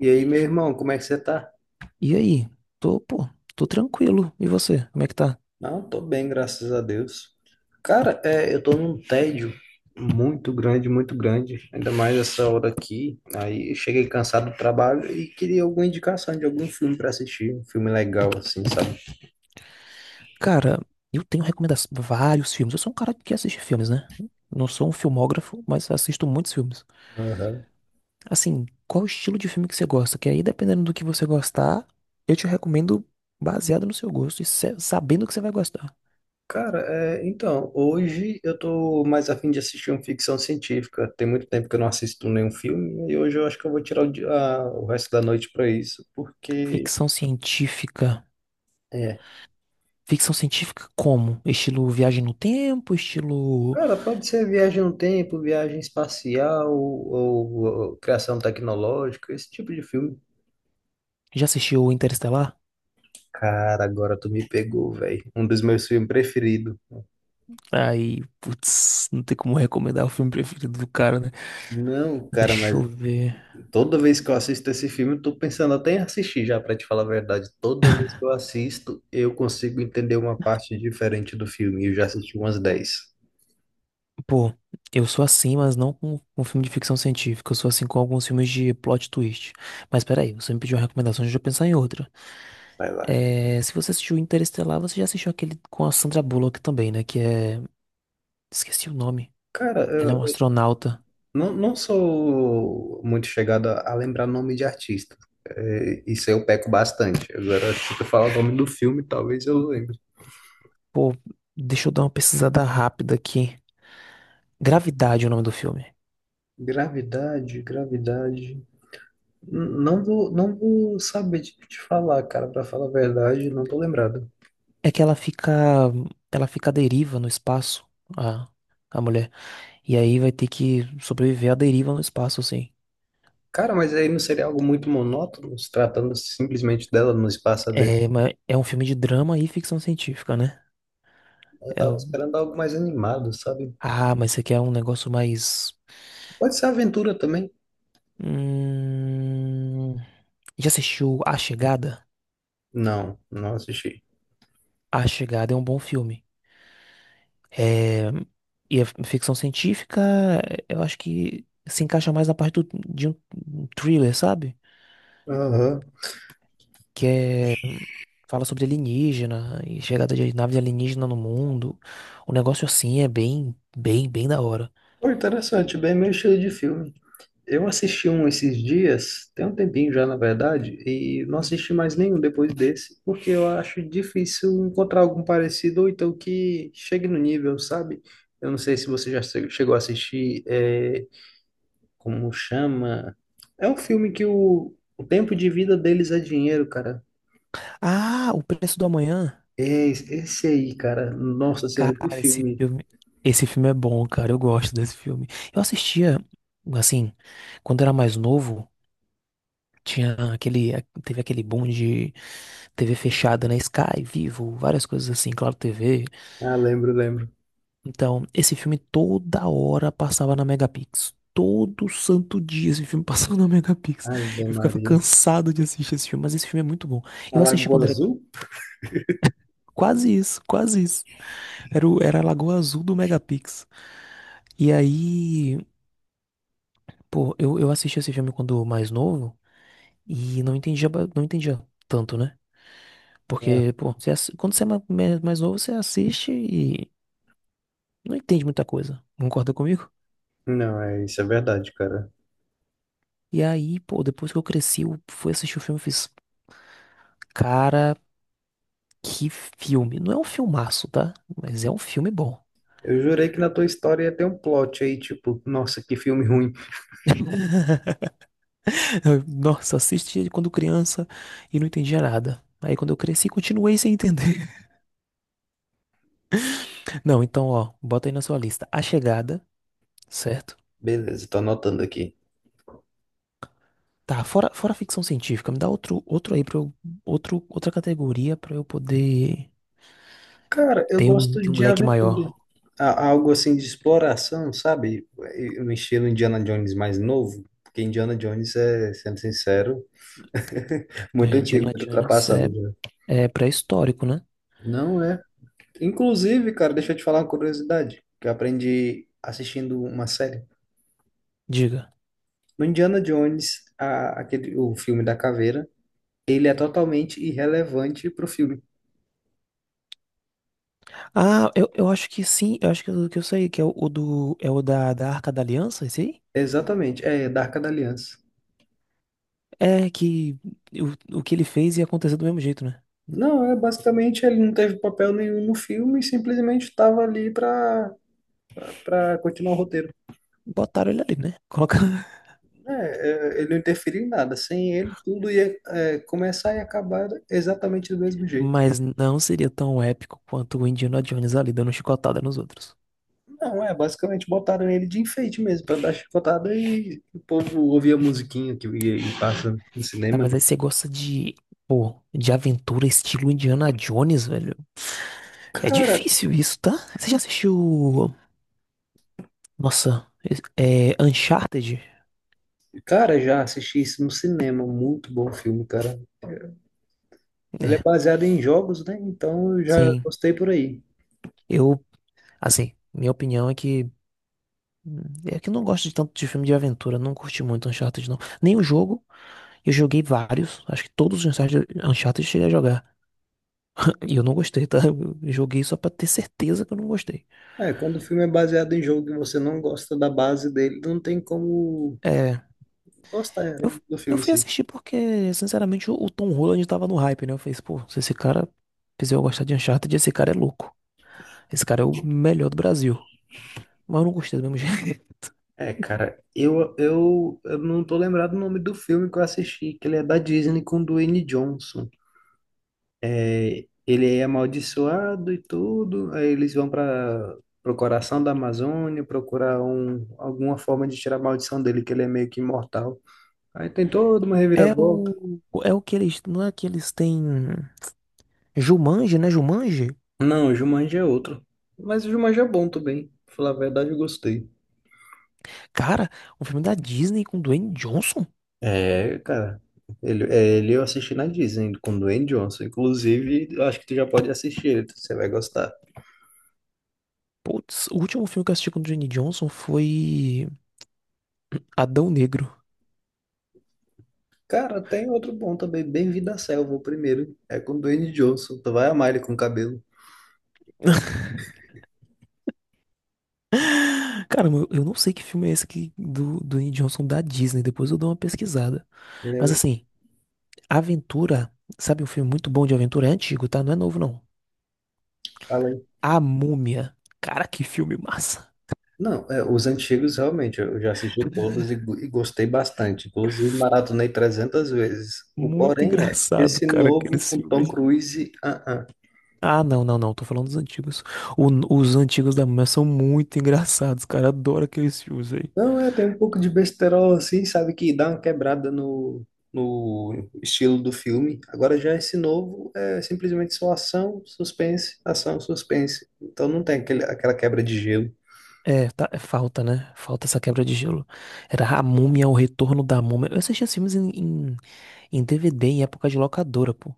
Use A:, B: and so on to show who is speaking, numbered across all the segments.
A: E aí, meu irmão, como é que você tá?
B: E aí? Tô, pô, tô tranquilo. E você? Como é que tá?
A: Não, tô bem, graças a Deus. Cara, é, eu tô num tédio muito grande, ainda mais essa hora aqui. Aí eu cheguei cansado do trabalho e queria alguma indicação de algum filme pra assistir, um filme legal assim, sabe?
B: Cara, eu tenho recomendações, vários filmes. Eu sou um cara que assiste filmes, né? Não sou um filmógrafo, mas assisto muitos filmes.
A: Aham.
B: Assim, qual o estilo de filme que você gosta? Que aí, dependendo do que você gostar, eu te recomendo baseado no seu gosto e sabendo que você vai gostar.
A: Cara, é, então, hoje eu tô mais afim de assistir uma ficção científica. Tem muito tempo que eu não assisto nenhum filme e hoje eu acho que eu vou tirar o resto da noite pra isso, porque
B: Ficção científica.
A: é,
B: Ficção científica como? Estilo Viagem no Tempo, estilo...
A: Cara, pode ser viagem no tempo, viagem espacial ou criação tecnológica, esse tipo de filme.
B: Já assistiu Interestelar?
A: Cara, agora tu me pegou, velho. Um dos meus filmes preferidos.
B: Aí, putz, não tem como recomendar o filme preferido do cara, né?
A: Não, cara,
B: Deixa
A: mas
B: eu ver.
A: toda vez que eu assisto esse filme, eu tô pensando até em assistir já, pra te falar a verdade. Toda vez que eu assisto, eu consigo entender uma parte diferente do filme. E eu já assisti umas dez
B: Pô, eu sou assim, mas não com filme de ficção científica. Eu sou assim com alguns filmes de plot twist. Mas peraí, você me pediu uma recomendação, deixa eu pensar em outra.
A: Vai lá.
B: É, se você assistiu Interestelar, você já assistiu aquele com a Sandra Bullock também, né? Que é. Esqueci o nome.
A: Cara,
B: Ela é uma astronauta.
A: Não, não sou muito chegado a lembrar nome de artista. É, isso eu peco bastante. Agora, se tu falar o nome do filme, talvez eu lembre.
B: Pô, deixa eu dar uma pesquisada rápida aqui. Gravidade é o nome do filme.
A: Gravidade, gravidade. Não vou saber te falar, cara, pra falar a verdade, não tô lembrado.
B: É que ela fica. Ela fica à deriva no espaço, a, a mulher. E aí vai ter que sobreviver à deriva no espaço, assim.
A: Cara, mas aí não seria algo muito monótono, se tratando simplesmente dela no espaço dele.
B: É, mas é um filme de drama e ficção científica, né?
A: Eu
B: É
A: tava
B: o-
A: esperando algo mais animado, sabe?
B: Ah, mas isso aqui é um negócio mais.
A: Pode ser aventura também.
B: Hum... Já assistiu A Chegada?
A: Não, não assisti.
B: A Chegada é um bom filme. É... E a ficção científica, eu acho que se encaixa mais na parte do... de um thriller, sabe?
A: Aham.
B: Que é... fala sobre alienígena e chegada de naves alienígena no mundo. O negócio assim é bem, bem, bem da hora.
A: Pô, interessante, bem meu estilo de filme. Eu assisti um esses dias, tem um tempinho já, na verdade, e não assisti mais nenhum depois desse, porque eu acho difícil encontrar algum parecido ou então que chegue no nível, sabe? Eu não sei se você já chegou a assistir, como chama? É um filme que o tempo de vida deles é dinheiro, cara.
B: Ah, O Preço do Amanhã.
A: É esse aí, cara. Nossa Senhora, que
B: Cara, esse
A: filme.
B: filme, esse filme é bom, cara. Eu gosto desse filme. Eu assistia, assim, quando era mais novo, tinha aquele, teve aquele boom de TV fechada, né? Sky, Vivo, várias coisas assim, Claro TV.
A: Ah, lembro, lembro.
B: Então, esse filme toda hora passava na Megapix. Todo santo dia esse filme passava na Megapix.
A: Ave
B: Eu ficava
A: Maria.
B: cansado de assistir esse filme, mas esse filme é muito bom.
A: A
B: Eu assisti
A: Lagoa
B: quando era
A: Azul?
B: quase isso, quase isso. Era, era a Lagoa Azul do Megapix. E aí, pô, eu assisti esse filme quando mais novo e não entendia, não entendia tanto, né?
A: Ah,
B: Porque, pô, quando você é mais novo, você assiste e não entende muita coisa. Concorda comigo?
A: Não, é isso, é verdade, cara.
B: E aí, pô, depois que eu cresci, eu fui assistir o filme e fiz. Cara, que filme. Não é um filmaço, tá? Mas é um filme bom.
A: Eu jurei que na tua história ia ter um plot aí, tipo, nossa, que filme ruim.
B: Nossa, assisti quando criança e não entendia nada. Aí quando eu cresci, continuei sem entender. Não, então, ó, bota aí na sua lista. A Chegada, certo?
A: Beleza, tô anotando aqui.
B: Tá, fora ficção científica, me dá outro aí pra eu, outro, outra categoria pra eu poder
A: Cara, eu
B: ter um,
A: gosto
B: ter um
A: de
B: leque
A: aventura.
B: maior.
A: Algo assim de exploração, sabe? Um estilo Indiana Jones mais novo. Porque Indiana Jones é, sendo sincero,
B: É,
A: muito antigo,
B: Indiana
A: muito
B: Jones
A: ultrapassado
B: é,
A: já.
B: é pré-histórico, né?
A: Não é Inclusive, cara, deixa eu te falar uma curiosidade que eu aprendi assistindo uma série.
B: Diga.
A: No Indiana Jones, aquele, o filme da caveira, ele é totalmente irrelevante pro filme.
B: Ah, eu acho que sim, eu acho que eu sei, que é o do, é o da, da Arca da Aliança, esse aí?
A: Exatamente, é da Arca da Aliança.
B: É que o que ele fez ia acontecer do mesmo jeito, né?
A: Não, é basicamente ele não teve papel nenhum no filme, simplesmente estava ali para continuar o roteiro.
B: Botaram ele ali, né? Coloca...
A: É, é, ele não interferiu em nada. Sem ele, tudo ia começar e acabar exatamente do mesmo jeito.
B: Mas não seria tão épico quanto o Indiana Jones ali dando chicotada nos outros.
A: Não, é, basicamente botaram ele de enfeite mesmo, pra dar chicotada e o povo ouvia a musiquinha que ia e passa no
B: Tá,
A: cinema, né?
B: mas aí você gosta de, pô, de aventura estilo Indiana Jones, velho. É
A: Cara,
B: difícil isso, tá? Você já assistiu, nossa, é Uncharted?
A: cara, já assisti isso no cinema, muito bom filme, cara. Ele é
B: É,
A: baseado em jogos, né? Então eu já
B: sim.
A: gostei por aí.
B: Eu, assim, minha opinião é que hum, é que eu não gosto de tanto de filme de aventura, não curti muito Uncharted, não. Nem o jogo, eu joguei vários, acho que todos os Uncharted, Uncharted eu cheguei a jogar. E eu não gostei, tá? Eu joguei só pra ter certeza que eu não gostei.
A: É, quando o filme é baseado em jogo e você não gosta da base dele, não tem como
B: É,
A: gostar
B: eu,
A: do
B: eu
A: filme em
B: fui
A: si.
B: assistir porque, sinceramente, o Tom Holland tava no hype, né? Eu falei, pô, se esse cara fizer eu gostar de Uncharted, esse cara é louco. Esse cara é o melhor do Brasil. Mas eu não gostei do mesmo jeito.
A: É, cara, eu não tô lembrado o nome do filme que eu assisti, que ele é da Disney com o Dwayne Johnson. Ele é amaldiçoado e tudo. Aí eles vão para o coração da Amazônia procurar alguma forma de tirar a maldição dele, que ele é meio que imortal. Aí tem toda uma
B: É o,
A: reviravolta.
B: é o que eles, não é que eles têm Jumanji, né? Jumanji?
A: Não, o Jumanji é outro. Mas o Jumanji é bom também. Pra falar a verdade, eu gostei.
B: Cara, um filme da Disney com Dwayne Johnson?
A: É, cara. Ele eu assisti na Disney com o Dwayne Johnson. Inclusive, eu acho que tu já pode assistir ele, você vai gostar.
B: Putz, o último filme que eu assisti com Dwayne Johnson foi Adão Negro.
A: Cara, tem outro bom também, Bem-vindo à Selva, o primeiro. É com o Dwayne Johnson. Tu vai amar ele com o cabelo.
B: Caramba, eu não sei que filme é esse aqui do, do Dwayne Johnson da Disney. Depois eu dou uma pesquisada. Mas assim, aventura, sabe um filme muito bom de aventura? É antigo, tá? Não é novo, não.
A: Fala aí.
B: A Múmia. Cara, que filme massa.
A: Não, os antigos realmente eu já assisti todos e gostei bastante. Inclusive, maratonei 300 vezes. O
B: Muito
A: porém é,
B: engraçado,
A: esse
B: cara, aquele
A: novo com Tom
B: filme.
A: Cruise, ah.
B: Ah, não. Tô falando dos antigos. O- os antigos da Múmia são muito engraçados, cara. Adoro aqueles filmes aí.
A: Não, tem um pouco de besterol assim, sabe, que dá uma quebrada no estilo do filme. Agora já esse novo é simplesmente só ação, suspense, ação, suspense. Então não tem aquele, aquela quebra de gelo.
B: É, tá, é falta, né? Falta essa quebra de gelo. Era A Múmia, O Retorno da Múmia. Eu assistia esses filmes em DVD em época de locadora, pô.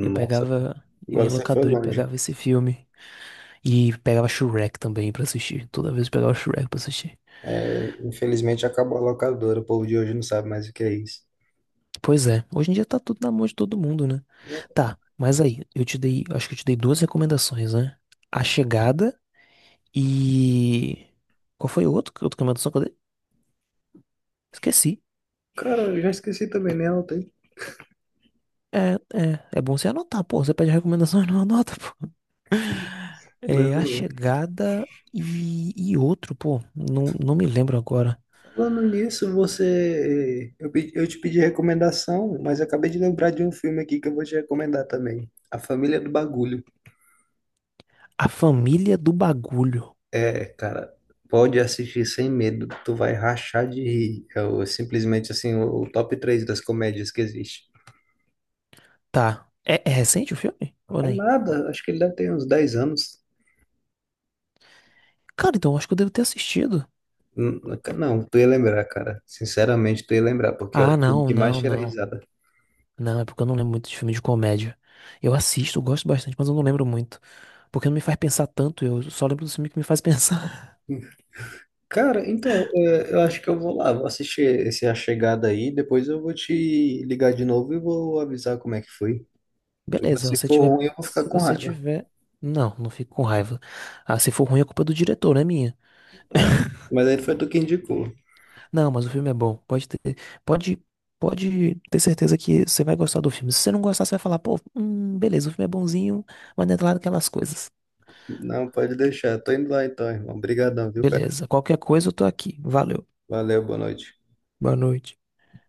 B: Eu pegava, eu ia
A: agora
B: em
A: você foi
B: locadora e
A: longe.
B: pegava esse filme. E pegava Shrek também pra assistir. Toda vez eu pegava Shrek pra assistir.
A: É, infelizmente acabou a locadora, o povo de hoje não sabe mais o que é isso.
B: Pois é, hoje em dia tá tudo na mão de todo mundo, né? Tá, mas aí, eu te dei, acho que eu te dei duas recomendações, né? A Chegada e. Qual foi o outro, outra recomendação que eu dei? Esqueci.
A: Cara, eu já esqueci também, né? Não tem.
B: É, é bom você anotar, pô. Você pede recomendação e não anota, pô.
A: Não.
B: É, A Chegada e outro, pô. Não, não me lembro agora.
A: Falando nisso, você. Eu te pedi recomendação, mas eu acabei de lembrar de um filme aqui que eu vou te recomendar também. A Família do Bagulho.
B: A Família do Bagulho.
A: É, cara, pode assistir sem medo, tu vai rachar de rir. Simplesmente assim, o top 3 das comédias que existe.
B: Tá. É, é recente o filme? Ou
A: É
B: nem?
A: nada, acho que ele deve ter uns 10 anos.
B: Cara, então eu acho que eu devo ter assistido.
A: Hum, Não, tu ia lembrar, cara. Sinceramente, tu ia lembrar, porque é o
B: Ah,
A: filme
B: não,
A: que mais
B: não,
A: tira
B: não.
A: risada.
B: Não, é porque eu não lembro muito de filme de comédia. Eu assisto, eu gosto bastante, mas eu não lembro muito. Porque não me faz pensar tanto, eu só lembro do filme que me faz pensar.
A: Cara, então, eu acho que eu vou lá, vou assistir esse A Chegada aí, depois eu vou te ligar de novo e vou avisar como é que foi.
B: Beleza, se
A: Se
B: você
A: for
B: tiver.
A: ruim, eu vou ficar
B: Se
A: com
B: você
A: raiva.
B: tiver. Não, não fico com raiva. Ah, se for ruim, a culpa é do diretor, não é minha.
A: É, mas aí foi tu que indicou.
B: Não, mas o filme é bom. Pode ter. Pode. Pode ter certeza que você vai gostar do filme. Se você não gostar, você vai falar, pô, beleza, o filme é bonzinho, mas não é lá daquelas coisas.
A: Não, pode deixar. Tô indo lá então, irmão. Obrigadão, viu, cara?
B: Beleza. Qualquer coisa eu tô aqui. Valeu.
A: Valeu, boa noite.
B: Boa noite.